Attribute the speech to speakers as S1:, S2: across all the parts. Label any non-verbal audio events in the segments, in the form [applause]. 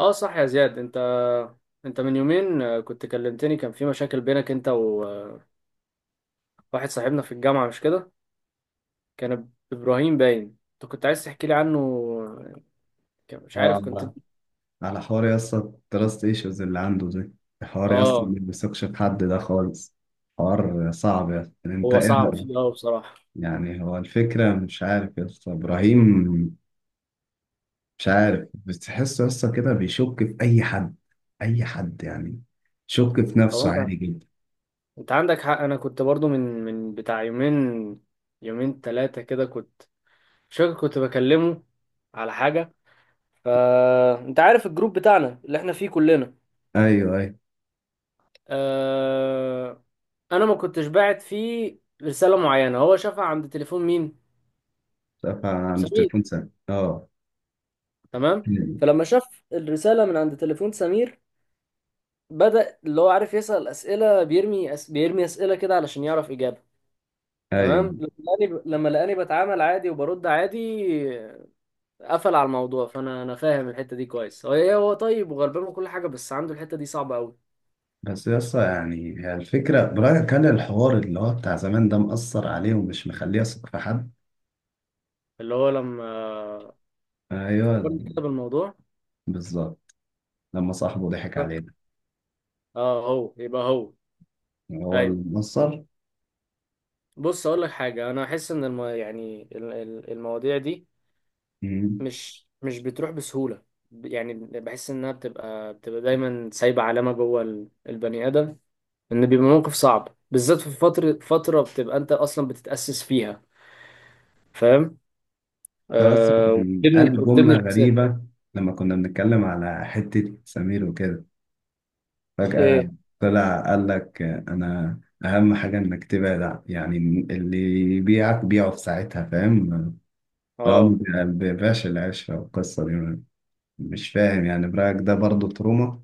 S1: اه، صح يا زياد. انت من يومين كنت كلمتني. كان في مشاكل بينك انت وواحد صاحبنا في الجامعة، مش كده؟ كان ابراهيم باين انت كنت عايز تحكي لي عنه. مش
S2: اه،
S1: عارف كنت.
S2: على حوار يا اسطى، التراست ايشوز اللي عنده دي. حوار يا اسطى، ما
S1: اه،
S2: بيثقش في حد ده خالص. حوار صعب يا اسطى، يعني انت
S1: هو
S2: ايه
S1: صعب
S2: رأيك؟
S1: فيه بصراحة.
S2: يعني هو الفكرة مش عارف يا اسطى، ابراهيم مش عارف بتحسه يا اسطى كده بيشك في اي حد، اي حد يعني. شك في
S1: هو
S2: نفسه
S1: انت
S2: عادي جدا.
S1: انت عندك حق. انا كنت برضو من بتاع يومين، يومين ثلاثة كده. كنت مش فاكر كنت بكلمه على حاجة. فانت عارف الجروب بتاعنا اللي احنا فيه كلنا.
S2: ايوه، ايوه.
S1: آه، انا ما كنتش باعت فيه رساله معينه، هو شافها عند تليفون مين؟
S2: شاف عند
S1: سمير.
S2: التليفون سام
S1: تمام. فلما شاف الرساله من عند تليفون سمير، بدأ اللي هو عارف يسأل اسئله. بيرمي اسئله كده علشان يعرف اجابه. تمام.
S2: ايوه.
S1: لما لقاني بتعامل عادي وبرد عادي، قفل على الموضوع. فانا فاهم الحته دي كويس. هو طيب وغلبان وكل حاجه، بس عنده الحته دي صعبه قوي.
S2: بس يا اسطى، يعني هي الفكرة برايك، هل الحوار اللي هو بتاع زمان ده مأثر عليه ومش مخليه يثق في حد؟
S1: اللي هو لما فكرني
S2: ايوه،
S1: كده بالموضوع،
S2: بالظبط، لما صاحبه ضحك
S1: فكرت
S2: علينا.
S1: اه هو يبقى هو.
S2: يعني هو
S1: ايوه.
S2: المنصر.
S1: بص، اقول لك حاجه، انا احس ان يعني المواضيع دي
S2: مم.
S1: مش بتروح بسهوله. يعني بحس انها بتبقى دايما سايبه علامه جوه البني ادم. ان بيبقى موقف صعب، بالذات في فتره بتبقى انت اصلا بتتاسس فيها، فاهم؟
S2: بس كان
S1: وبتبني
S2: قال جملة
S1: وبتبني شخصيه.
S2: غريبة. لما كنا بنتكلم على حتة سمير وكده، فجأة
S1: ايه؟
S2: طلع قال لك أنا أهم حاجة إنك تبعد اللي يبيعك بيعه في ساعتها، فاهم؟ لو
S1: اه،
S2: ما بيبيعش العشرة والقصة دي. مش فاهم، يعني برأيك ده برضه تروما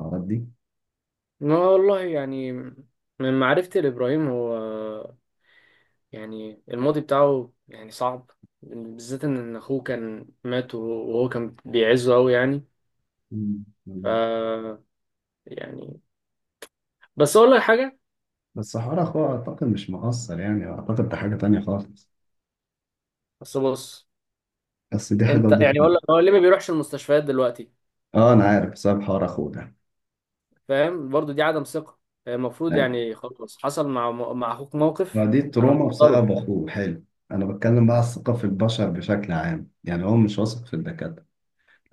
S2: الحوارات دي؟
S1: ما والله يعني، من معرفتي لابراهيم، هو يعني الماضي بتاعه يعني صعب، بالذات إن اخوه كان مات، وهو كان بيعزه قوي يعني.
S2: مم. لا.
S1: ف يعني، بس اقول لك حاجه.
S2: بس حوار أخوه أعتقد مش مقصر، يعني أعتقد ده حاجة تانية خالص.
S1: بس بص،
S2: بس دي حاجة
S1: انت
S2: ودي حاجة.
S1: يعني اقول لك، هو ليه ما بيروحش المستشفيات دلوقتي؟
S2: اه، انا عارف بسبب حوار اخوه ده.
S1: فاهم؟ برضو دي عدم ثقه. هي المفروض
S2: ايوه،
S1: يعني، خلاص، حصل مع اخوك
S2: ما
S1: موقف،
S2: دي
S1: انا
S2: تروما
S1: مقدره.
S2: بسبب اخوه، حلو. انا بتكلم بقى على الثقه في البشر بشكل عام، يعني هو مش واثق في الدكاتره،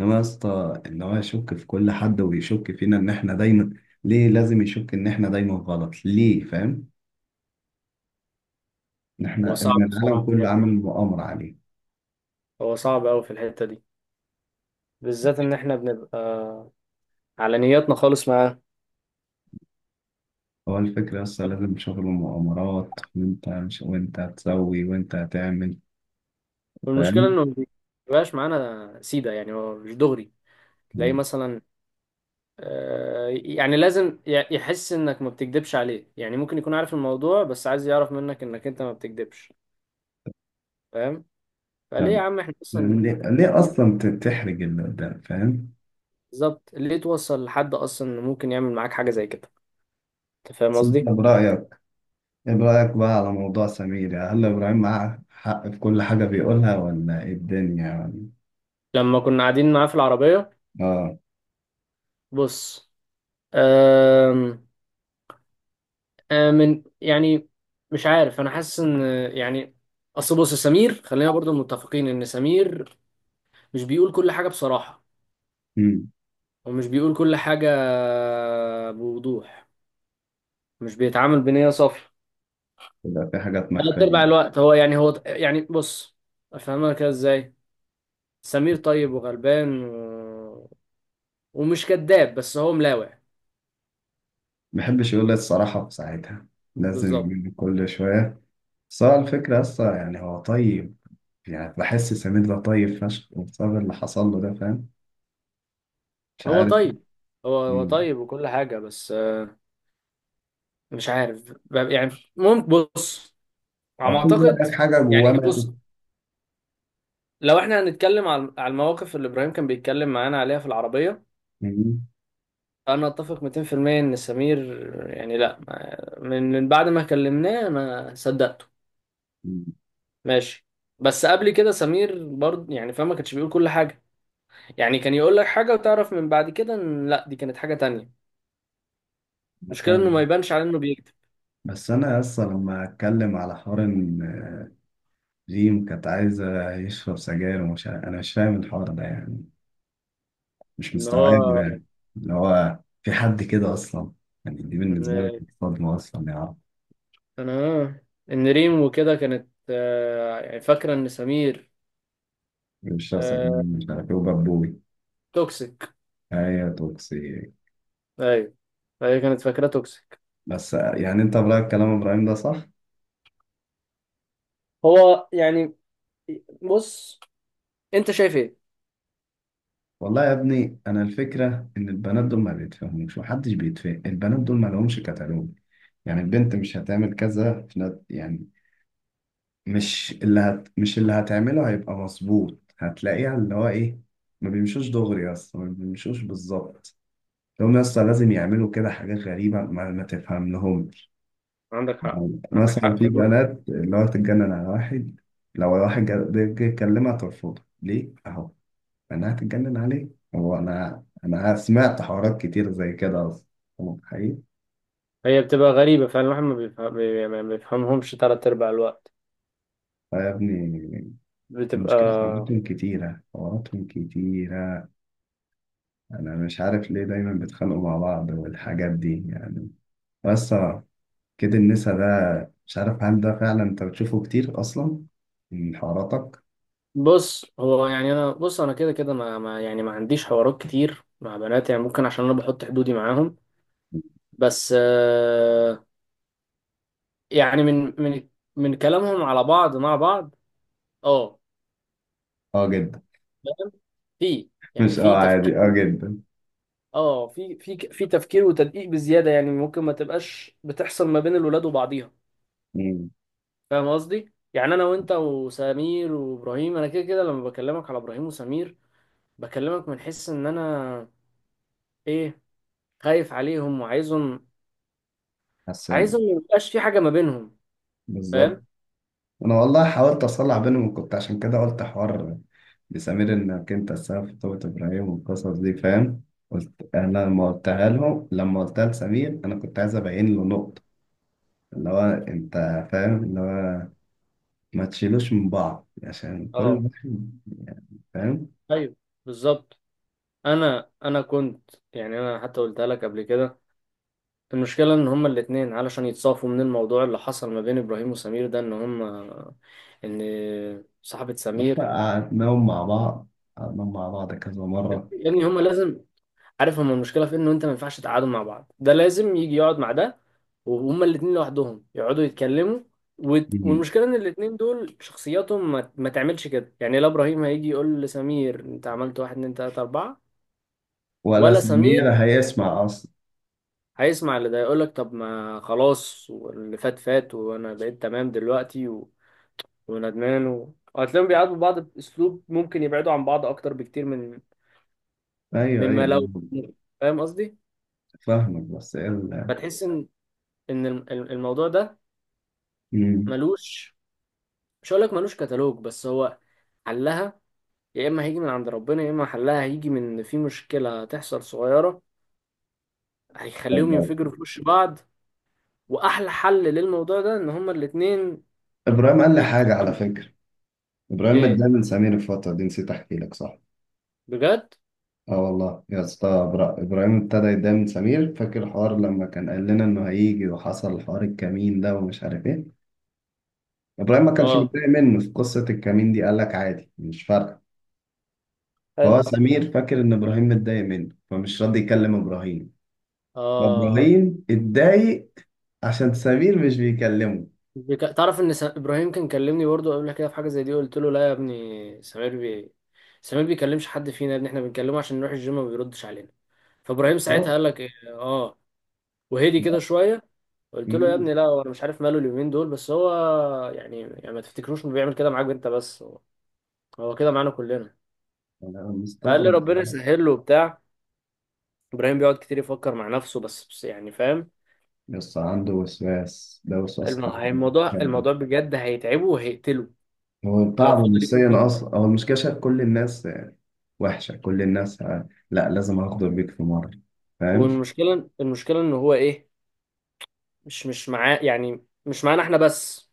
S2: انما يا اسطى ان هو يشك في كل حد، ويشك فينا ان احنا دايما. ليه لازم يشك ان احنا دايما غلط، ليه؟ فاهم؟ ان
S1: هو
S2: احنا ان
S1: صعب
S2: العالم
S1: بصراحه في
S2: كله
S1: الحته
S2: عامل
S1: دي،
S2: مؤامره عليه.
S1: هو صعب قوي في الحته دي، بالذات ان احنا بنبقى على نياتنا خالص معاه.
S2: هو الفكره يا اسطى، لازم شغل مؤامرات، وانت مش وانت هتسوي، وانت هتعمل،
S1: والمشكله
S2: فاهم؟
S1: انه ما بيبقاش معانا سيده، يعني هو مش دغري. تلاقيه مثلا، يعني لازم يحس انك ما بتكدبش عليه. يعني ممكن يكون عارف الموضوع، بس عايز يعرف منك انك انت ما بتكدبش، فاهم؟ فليه يا
S2: طب
S1: عم احنا اصلا؟
S2: ليه،
S1: [laughs]
S2: اصلا تحرج اللي قدام، فاهم؟
S1: بالظبط، ليه توصل لحد اصلا انه ممكن يعمل معاك حاجه زي كده؟ انت فاهم
S2: بس انت
S1: قصدي؟
S2: برأيك، ايه رأيك بقى على موضوع سمير، يعني هل إبراهيم معاه حق في كل حاجة بيقولها، ولا ايه الدنيا يعني؟
S1: لما كنا قاعدين معاه في العربيه،
S2: اه.
S1: بص، آم، يعني مش عارف، انا حاسس ان، يعني، اصل بص، سمير خلينا برضو متفقين ان سمير مش بيقول كل حاجه بصراحه،
S2: امم
S1: ومش بيقول كل حاجة بوضوح، مش بيتعامل بنية صافية.
S2: يبقى في حاجات
S1: تلات أرباع
S2: مخفية.
S1: الوقت هو يعني، بص، أفهمها كده إزاي. سمير طيب وغلبان ومش كذاب، بس هو ملاوع.
S2: ما بيحبش يقول الصراحة في ساعتها،
S1: بالظبط.
S2: لازم كل شوية. بس هو الفكرة أصلا يعني هو طيب، يعني بحس سمير ده طيب فشخ، وبسبب اللي حصل له ده، فاهم؟ مش
S1: هو
S2: عارف.
S1: طيب، هو
S2: مم.
S1: طيب وكل حاجة، بس مش عارف، يعني، ممكن، بص، على
S2: هو
S1: ما
S2: خد
S1: أعتقد.
S2: بالك حاجة
S1: يعني
S2: جواه ماتت.
S1: بص، لو احنا هنتكلم على المواقف اللي إبراهيم كان بيتكلم معانا عليها في العربية،
S2: مم.
S1: انا اتفق 200% ان سمير يعني لا، من بعد ما كلمناه انا صدقته.
S2: مم.
S1: ماشي. بس قبل كده سمير برضه يعني، فاهم، ما كانش بيقول كل حاجه. يعني كان يقول لك حاجه، وتعرف من بعد كده ان لا، دي كانت حاجه تانية. المشكله انه ما
S2: فاهم؟
S1: يبانش على انه بيكذب.
S2: بس أنا أصلا لما أتكلم على حوار إن ريم كانت عايزة يشرب سجاير ومش عارف، أنا مش فاهم الحوار ده يعني، مش
S1: ان هو
S2: مستوعب يعني، اللي هو في حد كده أصلا، يعني دي بالنسبة لك
S1: ان
S2: صدمة أصلا يا عم.
S1: انا ان ريم وكده كانت، يعني فاكره ان سمير
S2: بيشرب سجاير
S1: آه،
S2: مش عارف إيه وبابوي.
S1: توكسيك.
S2: أيوة، توكسيك.
S1: ايوه، فهي كانت فاكره توكسيك.
S2: بس يعني أنت برأيك كلام إبراهيم ده صح؟
S1: هو يعني بص، انت شايف ايه؟
S2: والله يا ابني، أنا الفكرة إن البنات دول ما بيتفهموش، محدش بيتفهم البنات دول، ما لهمش كتالوج. يعني البنت مش هتعمل كذا في نت يعني، مش اللي هتعمله هيبقى مظبوط، هتلاقيه اللي هو ايه. ما بيمشوش دغري اصلا، ما بيمشوش بالظبط. هم اصلا لازم يعملوا كده حاجات غريبة ما تفهم لهم.
S1: عندك حق، عندك
S2: مثلا
S1: حق
S2: في
S1: فعلا.
S2: بنات اللي هو تتجنن على واحد، لو واحد جه يكلمها ترفضه ليه؟ اهو. انا هتتجنن عليه. هو انا سمعت حوارات كتير زي كده اصلا. هو حقيقي.
S1: هي بتبقى غريبة فعلا، الواحد ما بيفهم يعني ما بيفهمهمش تلات أرباع الوقت.
S2: آه يا ابني، المشكلة
S1: بتبقى،
S2: حواراتهم كتيرة، حواراتهم كتيرة. انا مش عارف ليه دايما بيتخانقوا مع بعض والحاجات دي يعني. بس كده النسا ده، مش عارف، هل ده فعلا انت بتشوفه كتير اصلا من حواراتك؟
S1: بص، هو يعني، أنا بص، أنا كده كده يعني ما عنديش حوارات كتير مع بنات، يعني ممكن عشان أنا بحط حدودي معاهم. بس يعني من كلامهم على بعض مع بعض. اه،
S2: اه جدا.
S1: فاهم؟ في، يعني
S2: مش
S1: في
S2: اه،
S1: تفكير.
S2: عادي، اه جدا.
S1: اه، في تفكير وتدقيق بزيادة يعني، ممكن ما تبقاش بتحصل ما بين الولاد وبعضيها.
S2: امم.
S1: فاهم قصدي؟ يعني انا وانت وسمير وابراهيم، انا كده كده لما بكلمك على ابراهيم وسمير، بكلمك من حس ان انا، ايه خايف عليهم وعايزهم،
S2: حسن،
S1: ما يبقاش في حاجه ما بينهم، فاهم؟
S2: بالظبط. انا والله حاولت اصلح بينهم، كنت عشان كده قلت حوار بسمير انك انت السبب في توبة ابراهيم والقصص دي، فاهم؟ قلت انا لما قلتها لهم، لما قلتها لسمير، انا كنت عايز ابين له نقطة اللي هو انت، فاهم؟ اللي هو ما تشيلوش من بعض عشان كل
S1: اه،
S2: واحد يعني، فاهم؟
S1: ايوه، بالظبط. انا كنت يعني، انا حتى قلتها لك قبل كده. المشكله ان هما الاتنين، علشان يتصافوا من الموضوع اللي حصل ما بين ابراهيم وسمير ده، ان هما، ان صاحبه سمير،
S2: قعدناهم مع بعض، قعدناهم مع بعض كذا مرة.
S1: يعني هما لازم. عارف هما المشكله في إيه؟ انه انت ما ينفعش تقعدوا مع بعض، ده لازم يجي يقعد مع ده، وهما الاتنين لوحدهم يقعدوا يتكلموا.
S2: مم.
S1: والمشكله ان الاتنين دول شخصياتهم ما تعملش كده. يعني لا ابراهيم هيجي يقول لسمير انت عملت واحد اتنين تلاته اربعه،
S2: ولا
S1: ولا سمير
S2: سمير هيسمع أصلا.
S1: هيسمع. اللي ده يقول لك طب ما خلاص، واللي فات فات، وانا بقيت تمام دلوقتي وندمان وهتلاقيهم بيعاتبوا بعض باسلوب ممكن يبعدوا عن بعض اكتر بكتير من،
S2: أيوه، أيوه.
S1: لو، فاهم قصدي؟
S2: فاهمك، بس إيه ال-؟
S1: فتحس ان، ان الم- الموضوع ده
S2: مم.
S1: ملوش، مش هقول لك ملوش كتالوج، بس هو حلها يا اما هيجي من عند ربنا، يا اما حلها هيجي من إن في مشكله هتحصل صغيره هيخليهم
S2: طيب.
S1: ينفجروا في وش بعض. واحلى حل للموضوع ده ان هما الاتنين
S2: إبراهيم قال لي حاجة على
S1: يتفهموا.
S2: فكرة. إبراهيم
S1: ايه؟
S2: متضايق من سمير الفترة دي، نسيت أحكي لك، صح.
S1: بجد؟
S2: اه والله يا اسطى، ابراهيم ابتدى يتضايق من سمير. فاكر الحوار لما كان قال لنا انه هيجي، وحصل حوار الكمين ده ومش عارف ايه. ابراهيم ما كانش
S1: اه،
S2: متضايق منه في قصه الكمين دي، قال لك عادي، مش فارقه.
S1: حلو.
S2: فهو سمير فاكر ان ابراهيم متضايق منه، فمش راضي يكلم ابراهيم.
S1: اه،
S2: فابراهيم اتضايق عشان سمير مش بيكلمه.
S1: تعرف ان، ابراهيم كان كلمني برضه قبل كده في حاجه زي دي. قلت له لا يا ابني، سمير بيكلمش حد فينا يا ابني، احنا بنكلمه عشان نروح الجيم ما بيردش علينا. فابراهيم ساعتها
S2: بالظبط.
S1: قال لك إيه؟ اه، وهدي كده شويه. قلت له يا
S2: مم.
S1: ابني لا، هو انا مش عارف ماله اليومين دول، بس هو يعني ما تفتكروش انه بيعمل كده معاك انت بس، هو كده معانا كلنا.
S2: انا
S1: فقال لي
S2: مستغرب،
S1: ربنا
S2: والله.
S1: يسهل له وبتاع. ابراهيم بيقعد كتير يفكر مع نفسه، بس يعني، فاهم.
S2: بس عنده وسواس، ده وسواس قهري
S1: الموضوع
S2: بجد.
S1: الموضوع بجد هيتعبه وهيقتله
S2: هو
S1: لو
S2: تعبه
S1: فضل يفكر.
S2: نفسيا اصلا. هو المشكله شايف كل الناس وحشه، كل الناس لا، لازم اغدر بيك في مره، فاهم؟
S1: والمشكله ان هو مش معاه، يعني مش معانا احنا بس،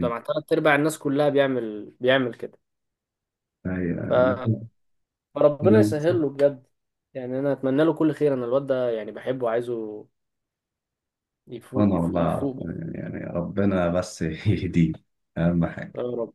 S1: ده مع تلات ارباع الناس كلها بيعمل كده.
S2: ايوه.
S1: ف-
S2: انا
S1: فربنا
S2: كنت-.
S1: يسهل له بجد، يعني انا اتمنى له كل خير. انا الواد ده يعني بحبه وعايزه
S2: انا
S1: يفوق،
S2: والله اعرف،
S1: يفوق.
S2: يعني ربنا بس [laughs] يهديه، اهم
S1: يا
S2: حاجة.
S1: رب.